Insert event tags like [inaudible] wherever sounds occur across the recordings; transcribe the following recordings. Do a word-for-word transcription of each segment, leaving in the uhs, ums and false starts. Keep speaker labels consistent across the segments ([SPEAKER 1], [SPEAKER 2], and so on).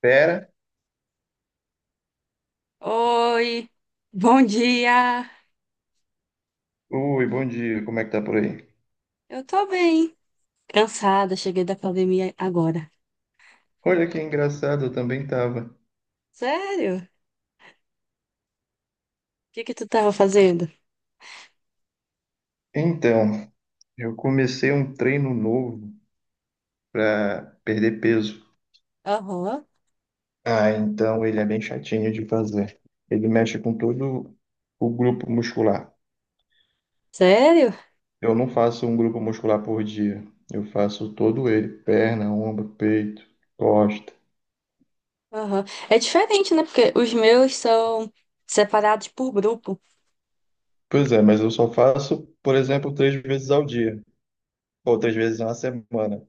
[SPEAKER 1] Pera.
[SPEAKER 2] Oi, bom dia.
[SPEAKER 1] Oi, bom dia. Como é que tá por aí?
[SPEAKER 2] Eu tô bem. Cansada, cheguei da academia agora.
[SPEAKER 1] Olha que engraçado, eu também tava.
[SPEAKER 2] Sério? O que que tu tava fazendo?
[SPEAKER 1] Então, eu comecei um treino novo pra perder peso.
[SPEAKER 2] Aham.
[SPEAKER 1] Ah, então ele é bem chatinho de fazer. Ele mexe com todo o grupo muscular.
[SPEAKER 2] Sério?
[SPEAKER 1] Eu não faço um grupo muscular por dia. Eu faço todo ele, perna, ombro, peito, costa.
[SPEAKER 2] Aham. É diferente, né? Porque os meus são separados por grupo.
[SPEAKER 1] Pois é, mas eu só faço, por exemplo, três vezes ao dia, ou três vezes na semana.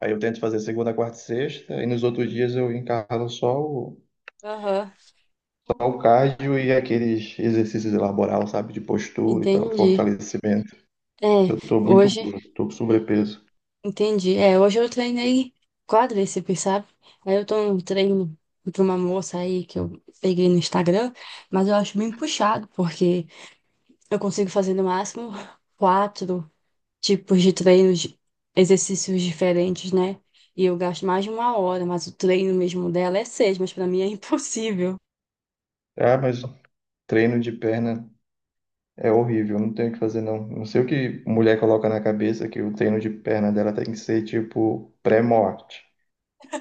[SPEAKER 1] Aí eu tento fazer segunda, quarta e sexta, e nos outros dias eu encaro só o,
[SPEAKER 2] Aham.
[SPEAKER 1] só o cardio e aqueles exercícios laboral, sabe, de postura e tal,
[SPEAKER 2] Entendi.
[SPEAKER 1] fortalecimento, que
[SPEAKER 2] É,
[SPEAKER 1] eu tô muito
[SPEAKER 2] hoje,
[SPEAKER 1] gordo, tô com sobrepeso.
[SPEAKER 2] Entendi. É, hoje eu treinei quadríceps, sabe? Aí eu tô num treino de uma moça aí que eu peguei no Instagram, mas eu acho bem puxado, porque eu consigo fazer no máximo quatro tipos de treinos, exercícios diferentes, né? E eu gasto mais de uma hora, mas o treino mesmo dela é seis, mas pra mim é [laughs] impossível.
[SPEAKER 1] Ah, mas treino de perna é horrível, não tenho o que fazer não. Não sei o que mulher coloca na cabeça que o treino de perna dela tem que ser tipo pré-morte.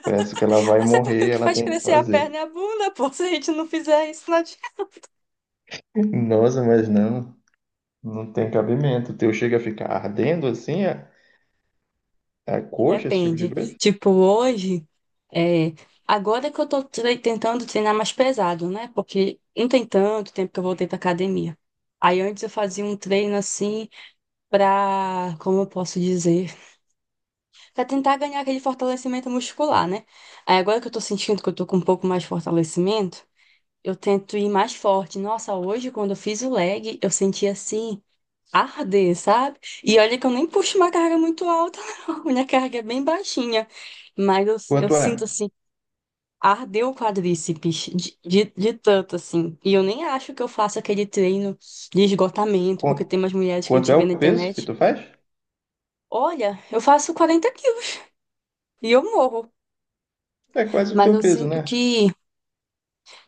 [SPEAKER 1] Parece que ela vai
[SPEAKER 2] Mas é porque o
[SPEAKER 1] morrer,
[SPEAKER 2] que
[SPEAKER 1] ela
[SPEAKER 2] faz
[SPEAKER 1] tem que
[SPEAKER 2] crescer a
[SPEAKER 1] fazer.
[SPEAKER 2] perna é a bunda, pô. [laughs] Se a gente não fizer isso, não adianta.
[SPEAKER 1] Nossa, mas não, não tem cabimento. O teu chega a ficar ardendo assim, a, a coxa, esse tipo de
[SPEAKER 2] Depende.
[SPEAKER 1] coisa?
[SPEAKER 2] Tipo, hoje, é... agora que eu tô tre- tentando treinar mais pesado, né? Porque não tem tanto tempo que eu voltei pra academia. Aí antes eu fazia um treino assim pra, como eu posso dizer? Pra tentar ganhar aquele fortalecimento muscular, né? Aí agora que eu tô sentindo que eu tô com um pouco mais de fortalecimento, eu tento ir mais forte. Nossa, hoje quando eu fiz o leg, eu senti assim, arder, sabe? E olha que eu nem puxo uma carga muito alta, [laughs] não. Minha carga é bem baixinha. Mas eu, eu
[SPEAKER 1] Quanto
[SPEAKER 2] sinto
[SPEAKER 1] é?
[SPEAKER 2] assim, ardeu o quadríceps de, de, de tanto, assim. E eu nem acho que eu faço aquele treino de esgotamento, porque
[SPEAKER 1] Qu-
[SPEAKER 2] tem umas mulheres que a
[SPEAKER 1] Quanto
[SPEAKER 2] gente
[SPEAKER 1] é
[SPEAKER 2] vê
[SPEAKER 1] o
[SPEAKER 2] na
[SPEAKER 1] peso que
[SPEAKER 2] internet.
[SPEAKER 1] tu faz?
[SPEAKER 2] Olha, eu faço quarenta quilos [laughs] e eu morro.
[SPEAKER 1] É quase o
[SPEAKER 2] Mas
[SPEAKER 1] teu
[SPEAKER 2] eu
[SPEAKER 1] peso,
[SPEAKER 2] sinto
[SPEAKER 1] né?
[SPEAKER 2] que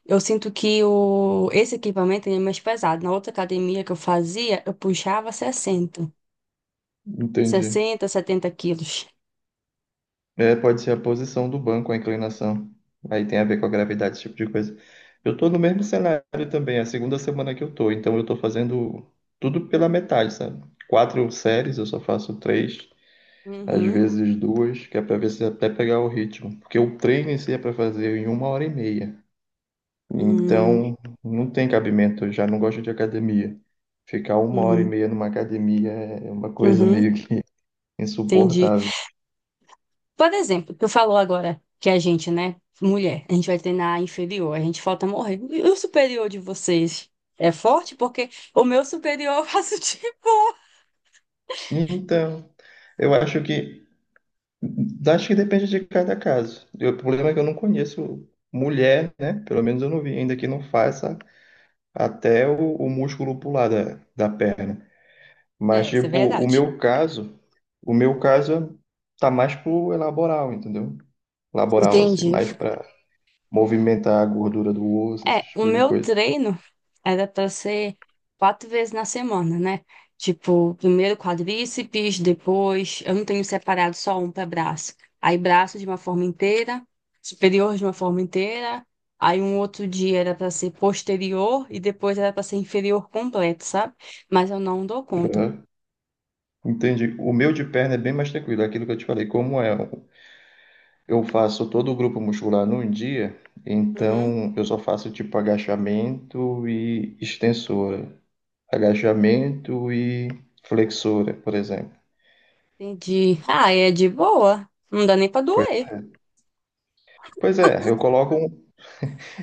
[SPEAKER 2] eu sinto que o, esse equipamento ele é mais pesado. Na outra academia que eu fazia, eu puxava sessenta
[SPEAKER 1] Entendi.
[SPEAKER 2] sessenta setenta quilos.
[SPEAKER 1] É, pode ser a posição do banco, a inclinação. Aí tem a ver com a gravidade, esse tipo de coisa. Eu tô no mesmo cenário também, é a segunda semana que eu tô, então eu tô fazendo tudo pela metade, sabe? Quatro séries, eu só faço três, às
[SPEAKER 2] Uhum,
[SPEAKER 1] vezes duas, que é pra ver se é até pegar o ritmo. Porque o treino em si é pra fazer em uma hora e meia.
[SPEAKER 2] uhum,
[SPEAKER 1] Então, não tem cabimento, eu já não gosto de academia. Ficar uma hora e
[SPEAKER 2] uhum,
[SPEAKER 1] meia numa academia é uma coisa
[SPEAKER 2] uhum,
[SPEAKER 1] meio que [laughs]
[SPEAKER 2] entendi.
[SPEAKER 1] insuportável.
[SPEAKER 2] Por exemplo, tu falou agora que a gente, né, mulher, a gente vai treinar inferior, a gente falta morrer. E o superior de vocês é forte? Porque o meu superior eu faço [laughs] de boa.
[SPEAKER 1] Então, eu acho que acho que depende de cada caso. E o problema é que eu não conheço mulher, né? Pelo menos eu não vi ainda que não faça até o, o músculo pular da, da perna. Mas
[SPEAKER 2] É, isso é
[SPEAKER 1] tipo, o
[SPEAKER 2] verdade.
[SPEAKER 1] meu caso, o meu caso tá mais pro laboral, entendeu? Laboral assim,
[SPEAKER 2] Entendi.
[SPEAKER 1] mais para movimentar a gordura do osso, esse
[SPEAKER 2] É, o
[SPEAKER 1] tipo de
[SPEAKER 2] meu
[SPEAKER 1] coisa.
[SPEAKER 2] treino era para ser quatro vezes na semana, né? Tipo, primeiro quadríceps, depois eu não tenho separado só um para braço. Aí braço de uma forma inteira, superior de uma forma inteira. Aí um outro dia era para ser posterior e depois era para ser inferior completo, sabe? Mas eu não dou conta.
[SPEAKER 1] Aham. Entendi. O meu de perna é bem mais tranquilo, é aquilo que eu te falei, como é, eu faço todo o grupo muscular num dia,
[SPEAKER 2] Uhum,
[SPEAKER 1] então eu só faço tipo agachamento e extensora, agachamento e flexora, por exemplo.
[SPEAKER 2] entendi. Ah, é de boa. Não dá nem para
[SPEAKER 1] Pois
[SPEAKER 2] doer.
[SPEAKER 1] é. Pois é, eu coloco um,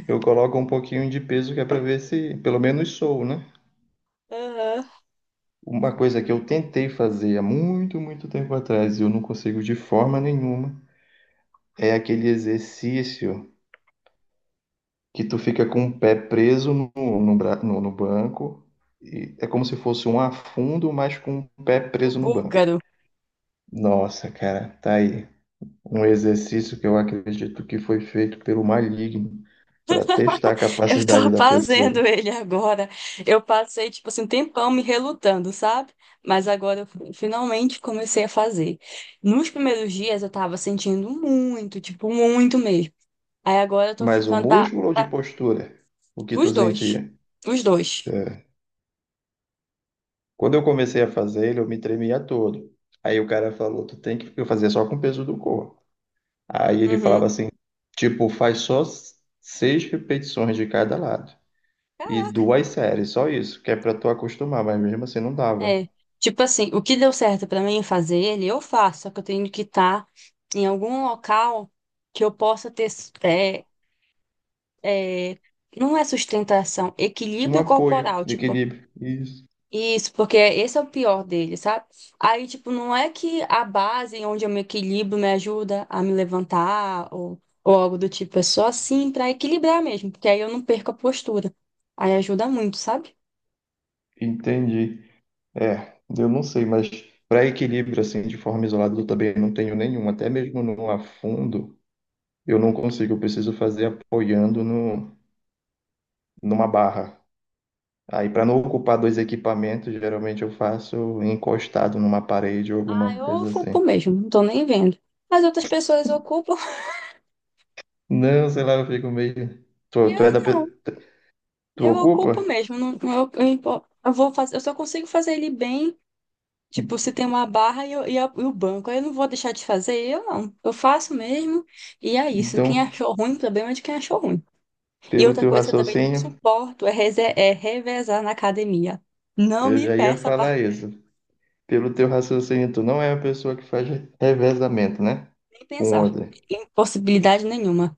[SPEAKER 1] eu coloco um pouquinho de peso que é para ver se pelo menos sou, né?
[SPEAKER 2] Aham.
[SPEAKER 1] Uma coisa que eu tentei fazer há muito, muito tempo atrás e eu não consigo de forma nenhuma. É aquele exercício que tu fica com o pé preso no, no, bra- no- no banco. E é como se fosse um afundo, mas com o pé
[SPEAKER 2] O
[SPEAKER 1] preso no banco.
[SPEAKER 2] búlgaro.
[SPEAKER 1] Nossa, cara, tá aí. Um exercício que eu acredito que foi feito pelo maligno para testar a
[SPEAKER 2] Eu
[SPEAKER 1] capacidade
[SPEAKER 2] tô [laughs]
[SPEAKER 1] da
[SPEAKER 2] fazendo
[SPEAKER 1] pessoa.
[SPEAKER 2] ele agora. Eu passei, tipo assim, um tempão me relutando, sabe? Mas agora eu fi- finalmente comecei a fazer. Nos primeiros dias eu tava sentindo muito, tipo, muito mesmo. Aí agora eu tô
[SPEAKER 1] Mas o
[SPEAKER 2] ficando, tá?
[SPEAKER 1] músculo ou de postura? O que tu
[SPEAKER 2] Os dois.
[SPEAKER 1] sentia?
[SPEAKER 2] Os dois.
[SPEAKER 1] É. Quando eu comecei a fazer ele, eu me tremia todo. Aí o cara falou, tu tem que eu fazia só com o peso do corpo. Aí ele falava
[SPEAKER 2] Uhum.
[SPEAKER 1] assim, tipo, faz só s- seis repetições de cada lado e duas séries, só isso, que é para tu acostumar, mas mesmo assim não dava.
[SPEAKER 2] É. Tipo assim, o que deu certo pra mim fazer ele, eu faço, só que eu tenho que estar em algum local que eu possa ter. É, é, não é sustentação,
[SPEAKER 1] Um
[SPEAKER 2] equilíbrio
[SPEAKER 1] apoio
[SPEAKER 2] corporal.
[SPEAKER 1] de
[SPEAKER 2] Tipo,
[SPEAKER 1] equilíbrio, isso,
[SPEAKER 2] isso, porque esse é o pior dele, sabe? Aí, tipo, não é que a base onde eu me equilibro me ajuda a me levantar ou, ou algo do tipo, é só assim pra equilibrar mesmo, porque aí eu não perco a postura. Aí ajuda muito, sabe?
[SPEAKER 1] entendi. É, eu não sei, mas para equilíbrio assim, de forma isolada, eu também não tenho nenhum, até mesmo no afundo, eu não consigo, eu preciso fazer apoiando no, numa barra. Aí, para não ocupar dois equipamentos, geralmente eu faço encostado numa parede ou
[SPEAKER 2] Ah,
[SPEAKER 1] alguma
[SPEAKER 2] eu
[SPEAKER 1] coisa
[SPEAKER 2] ocupo
[SPEAKER 1] assim.
[SPEAKER 2] mesmo, não tô nem vendo. Mas outras pessoas ocupam, [laughs]
[SPEAKER 1] Não, sei lá, eu fico meio. Tu,
[SPEAKER 2] eu
[SPEAKER 1] tu é da.
[SPEAKER 2] não,
[SPEAKER 1] pe- Tu
[SPEAKER 2] eu ocupo
[SPEAKER 1] ocupa?
[SPEAKER 2] mesmo, não, não- eu, eu, impo- eu vou fazer, eu só consigo fazer ele bem. Tipo, se tem uma barra e, eu- e a- e o banco, aí eu não vou deixar de fazer, eu não. Eu faço mesmo, e é isso. Quem
[SPEAKER 1] Então,
[SPEAKER 2] achou ruim, o problema é de quem achou ruim. E
[SPEAKER 1] pelo
[SPEAKER 2] outra
[SPEAKER 1] teu
[SPEAKER 2] coisa que eu também não
[SPEAKER 1] raciocínio,
[SPEAKER 2] suporto é, reze- é revezar na academia. Não
[SPEAKER 1] eu
[SPEAKER 2] me
[SPEAKER 1] já ia
[SPEAKER 2] peça para
[SPEAKER 1] falar isso. Pelo teu raciocínio, tu não é a pessoa que faz revezamento, né?
[SPEAKER 2] nem
[SPEAKER 1] Com
[SPEAKER 2] pensar,
[SPEAKER 1] outra.
[SPEAKER 2] em possibilidade nenhuma.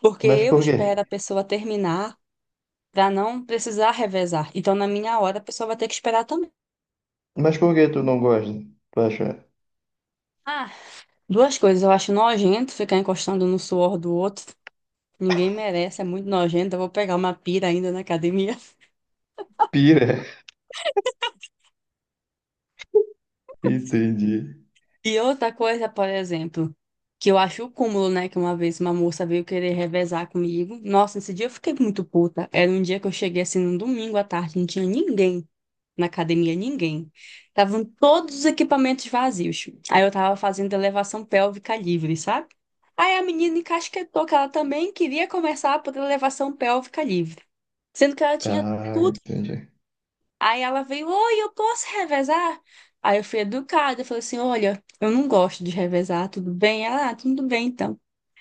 [SPEAKER 2] Porque
[SPEAKER 1] Mas
[SPEAKER 2] eu
[SPEAKER 1] por quê?
[SPEAKER 2] espero a pessoa terminar para não precisar revezar. Então, na minha hora, a pessoa vai ter que esperar também.
[SPEAKER 1] Mas por que tu não gosta? Tu acha
[SPEAKER 2] Ah, duas coisas, eu acho nojento ficar encostando no suor do outro. Ninguém merece, é muito nojento. Eu vou pegar uma pira ainda na academia.
[SPEAKER 1] pira? [laughs] Entendi.
[SPEAKER 2] E outra coisa, por exemplo, que eu acho o cúmulo, né? Que uma vez uma moça veio querer revezar comigo. Nossa, esse dia eu fiquei muito puta. Era um dia que eu cheguei assim num domingo à tarde, não tinha ninguém na academia, ninguém. Estavam todos os equipamentos vazios. Aí eu tava fazendo elevação pélvica livre, sabe? Aí a menina encasquetou que ela também queria começar por elevação pélvica livre, sendo que ela tinha
[SPEAKER 1] Ah,
[SPEAKER 2] tudo.
[SPEAKER 1] entendi.
[SPEAKER 2] Aí ela veio: oi, eu posso revezar? Aí eu fui educada, eu falei assim, olha, eu não gosto de revezar, tudo bem? Ela, ah, tudo bem então.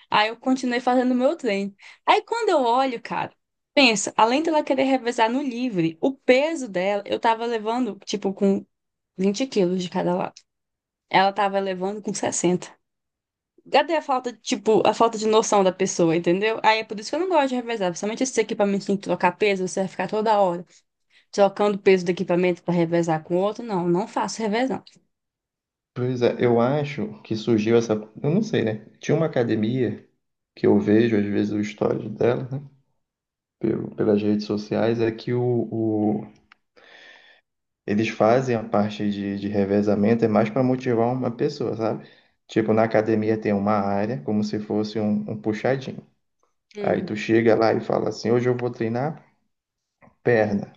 [SPEAKER 2] Aí eu continuei fazendo o meu treino. Aí quando eu olho, cara, pensa, além dela querer revezar no livre, o peso dela, eu tava levando, tipo, com vinte quilos de cada lado. Ela tava levando com sessenta. Cadê a falta, tipo, a falta de noção da pessoa, entendeu? Aí é por isso que eu não gosto de revezar, principalmente esses equipamentos que tem que trocar peso, você vai ficar toda hora trocando o peso do equipamento para revezar com o outro, não, não faço revezão.
[SPEAKER 1] Pois é, eu acho que surgiu essa. Eu não sei, né? Tinha uma academia que eu vejo, às vezes, o histórico dela, né? Pelo, pelas redes sociais, é que o, eles fazem a parte de, de revezamento, é mais para motivar uma pessoa, sabe? Tipo, na academia tem uma área, como se fosse um, um puxadinho. Aí
[SPEAKER 2] Hum,
[SPEAKER 1] tu chega lá e fala assim: hoje eu vou treinar perna.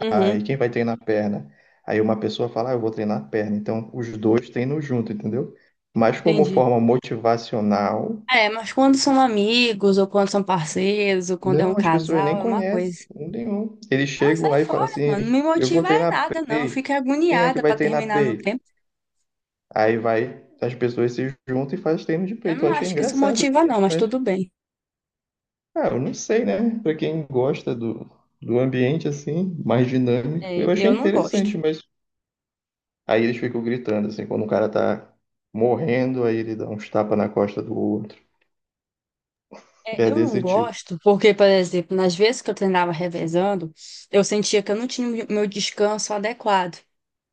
[SPEAKER 2] uhum.
[SPEAKER 1] Aí quem vai treinar perna? Aí uma pessoa fala: ah, eu vou treinar perna. Então os dois treinam junto, entendeu? Mas como
[SPEAKER 2] Entendi.
[SPEAKER 1] forma motivacional,
[SPEAKER 2] É, mas quando são amigos, ou quando são parceiros, ou quando é um
[SPEAKER 1] não, as pessoas nem
[SPEAKER 2] casal, é uma coisa.
[SPEAKER 1] conhecem um nenhum. Eles
[SPEAKER 2] Ah,
[SPEAKER 1] chegam
[SPEAKER 2] sai
[SPEAKER 1] lá e falam
[SPEAKER 2] fora, mano. Não
[SPEAKER 1] assim:
[SPEAKER 2] me
[SPEAKER 1] eu vou
[SPEAKER 2] motiva é
[SPEAKER 1] treinar
[SPEAKER 2] nada, não. Eu
[SPEAKER 1] peito.
[SPEAKER 2] fico
[SPEAKER 1] Quem é que
[SPEAKER 2] agoniada
[SPEAKER 1] vai
[SPEAKER 2] para
[SPEAKER 1] treinar
[SPEAKER 2] terminar no
[SPEAKER 1] peito?
[SPEAKER 2] tempo.
[SPEAKER 1] Aí vai, as pessoas se juntam e fazem treino de
[SPEAKER 2] Eu
[SPEAKER 1] peito. Eu
[SPEAKER 2] não
[SPEAKER 1] achei
[SPEAKER 2] acho que isso
[SPEAKER 1] engraçado
[SPEAKER 2] motiva, não,
[SPEAKER 1] isso,
[SPEAKER 2] mas
[SPEAKER 1] mas,
[SPEAKER 2] tudo bem.
[SPEAKER 1] ah, eu não sei, né? Pra quem gosta do, do ambiente assim, mais dinâmico,
[SPEAKER 2] É,
[SPEAKER 1] eu achei
[SPEAKER 2] eu não gosto.
[SPEAKER 1] interessante, mas aí eles ficam gritando, assim, quando o cara tá morrendo, aí ele dá uns tapas na costa do outro.
[SPEAKER 2] É,
[SPEAKER 1] É
[SPEAKER 2] eu não
[SPEAKER 1] desse tipo.
[SPEAKER 2] gosto porque, por exemplo, nas vezes que eu treinava revezando, eu sentia que eu não tinha o meu descanso adequado.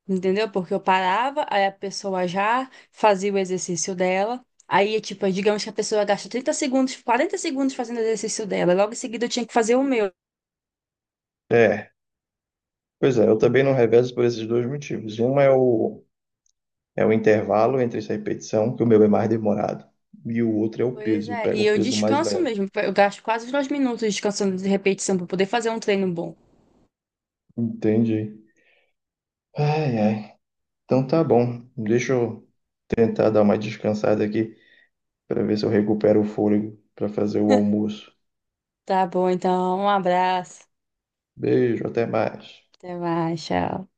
[SPEAKER 2] Entendeu? Porque eu parava, aí a pessoa já fazia o exercício dela. Aí, tipo, é, digamos que a pessoa gasta trinta segundos, quarenta segundos fazendo o exercício dela. Logo em seguida eu tinha que fazer o meu.
[SPEAKER 1] É, pois é, eu também não revezo por esses dois motivos. Um é o, é o intervalo entre essa repetição, que o meu é mais demorado, e o outro é o
[SPEAKER 2] Pois
[SPEAKER 1] peso, eu
[SPEAKER 2] é,
[SPEAKER 1] pego
[SPEAKER 2] e
[SPEAKER 1] um
[SPEAKER 2] eu
[SPEAKER 1] peso mais
[SPEAKER 2] descanso
[SPEAKER 1] leve.
[SPEAKER 2] mesmo. Eu gasto quase os dois minutos descansando de repetição para poder fazer um treino bom.
[SPEAKER 1] Entendi. Ai, ai. Então tá bom. Deixa eu tentar dar uma descansada aqui para ver se eu recupero o fôlego para fazer o almoço.
[SPEAKER 2] Tá bom, então, um abraço.
[SPEAKER 1] Beijo, até mais.
[SPEAKER 2] Até mais, tchau.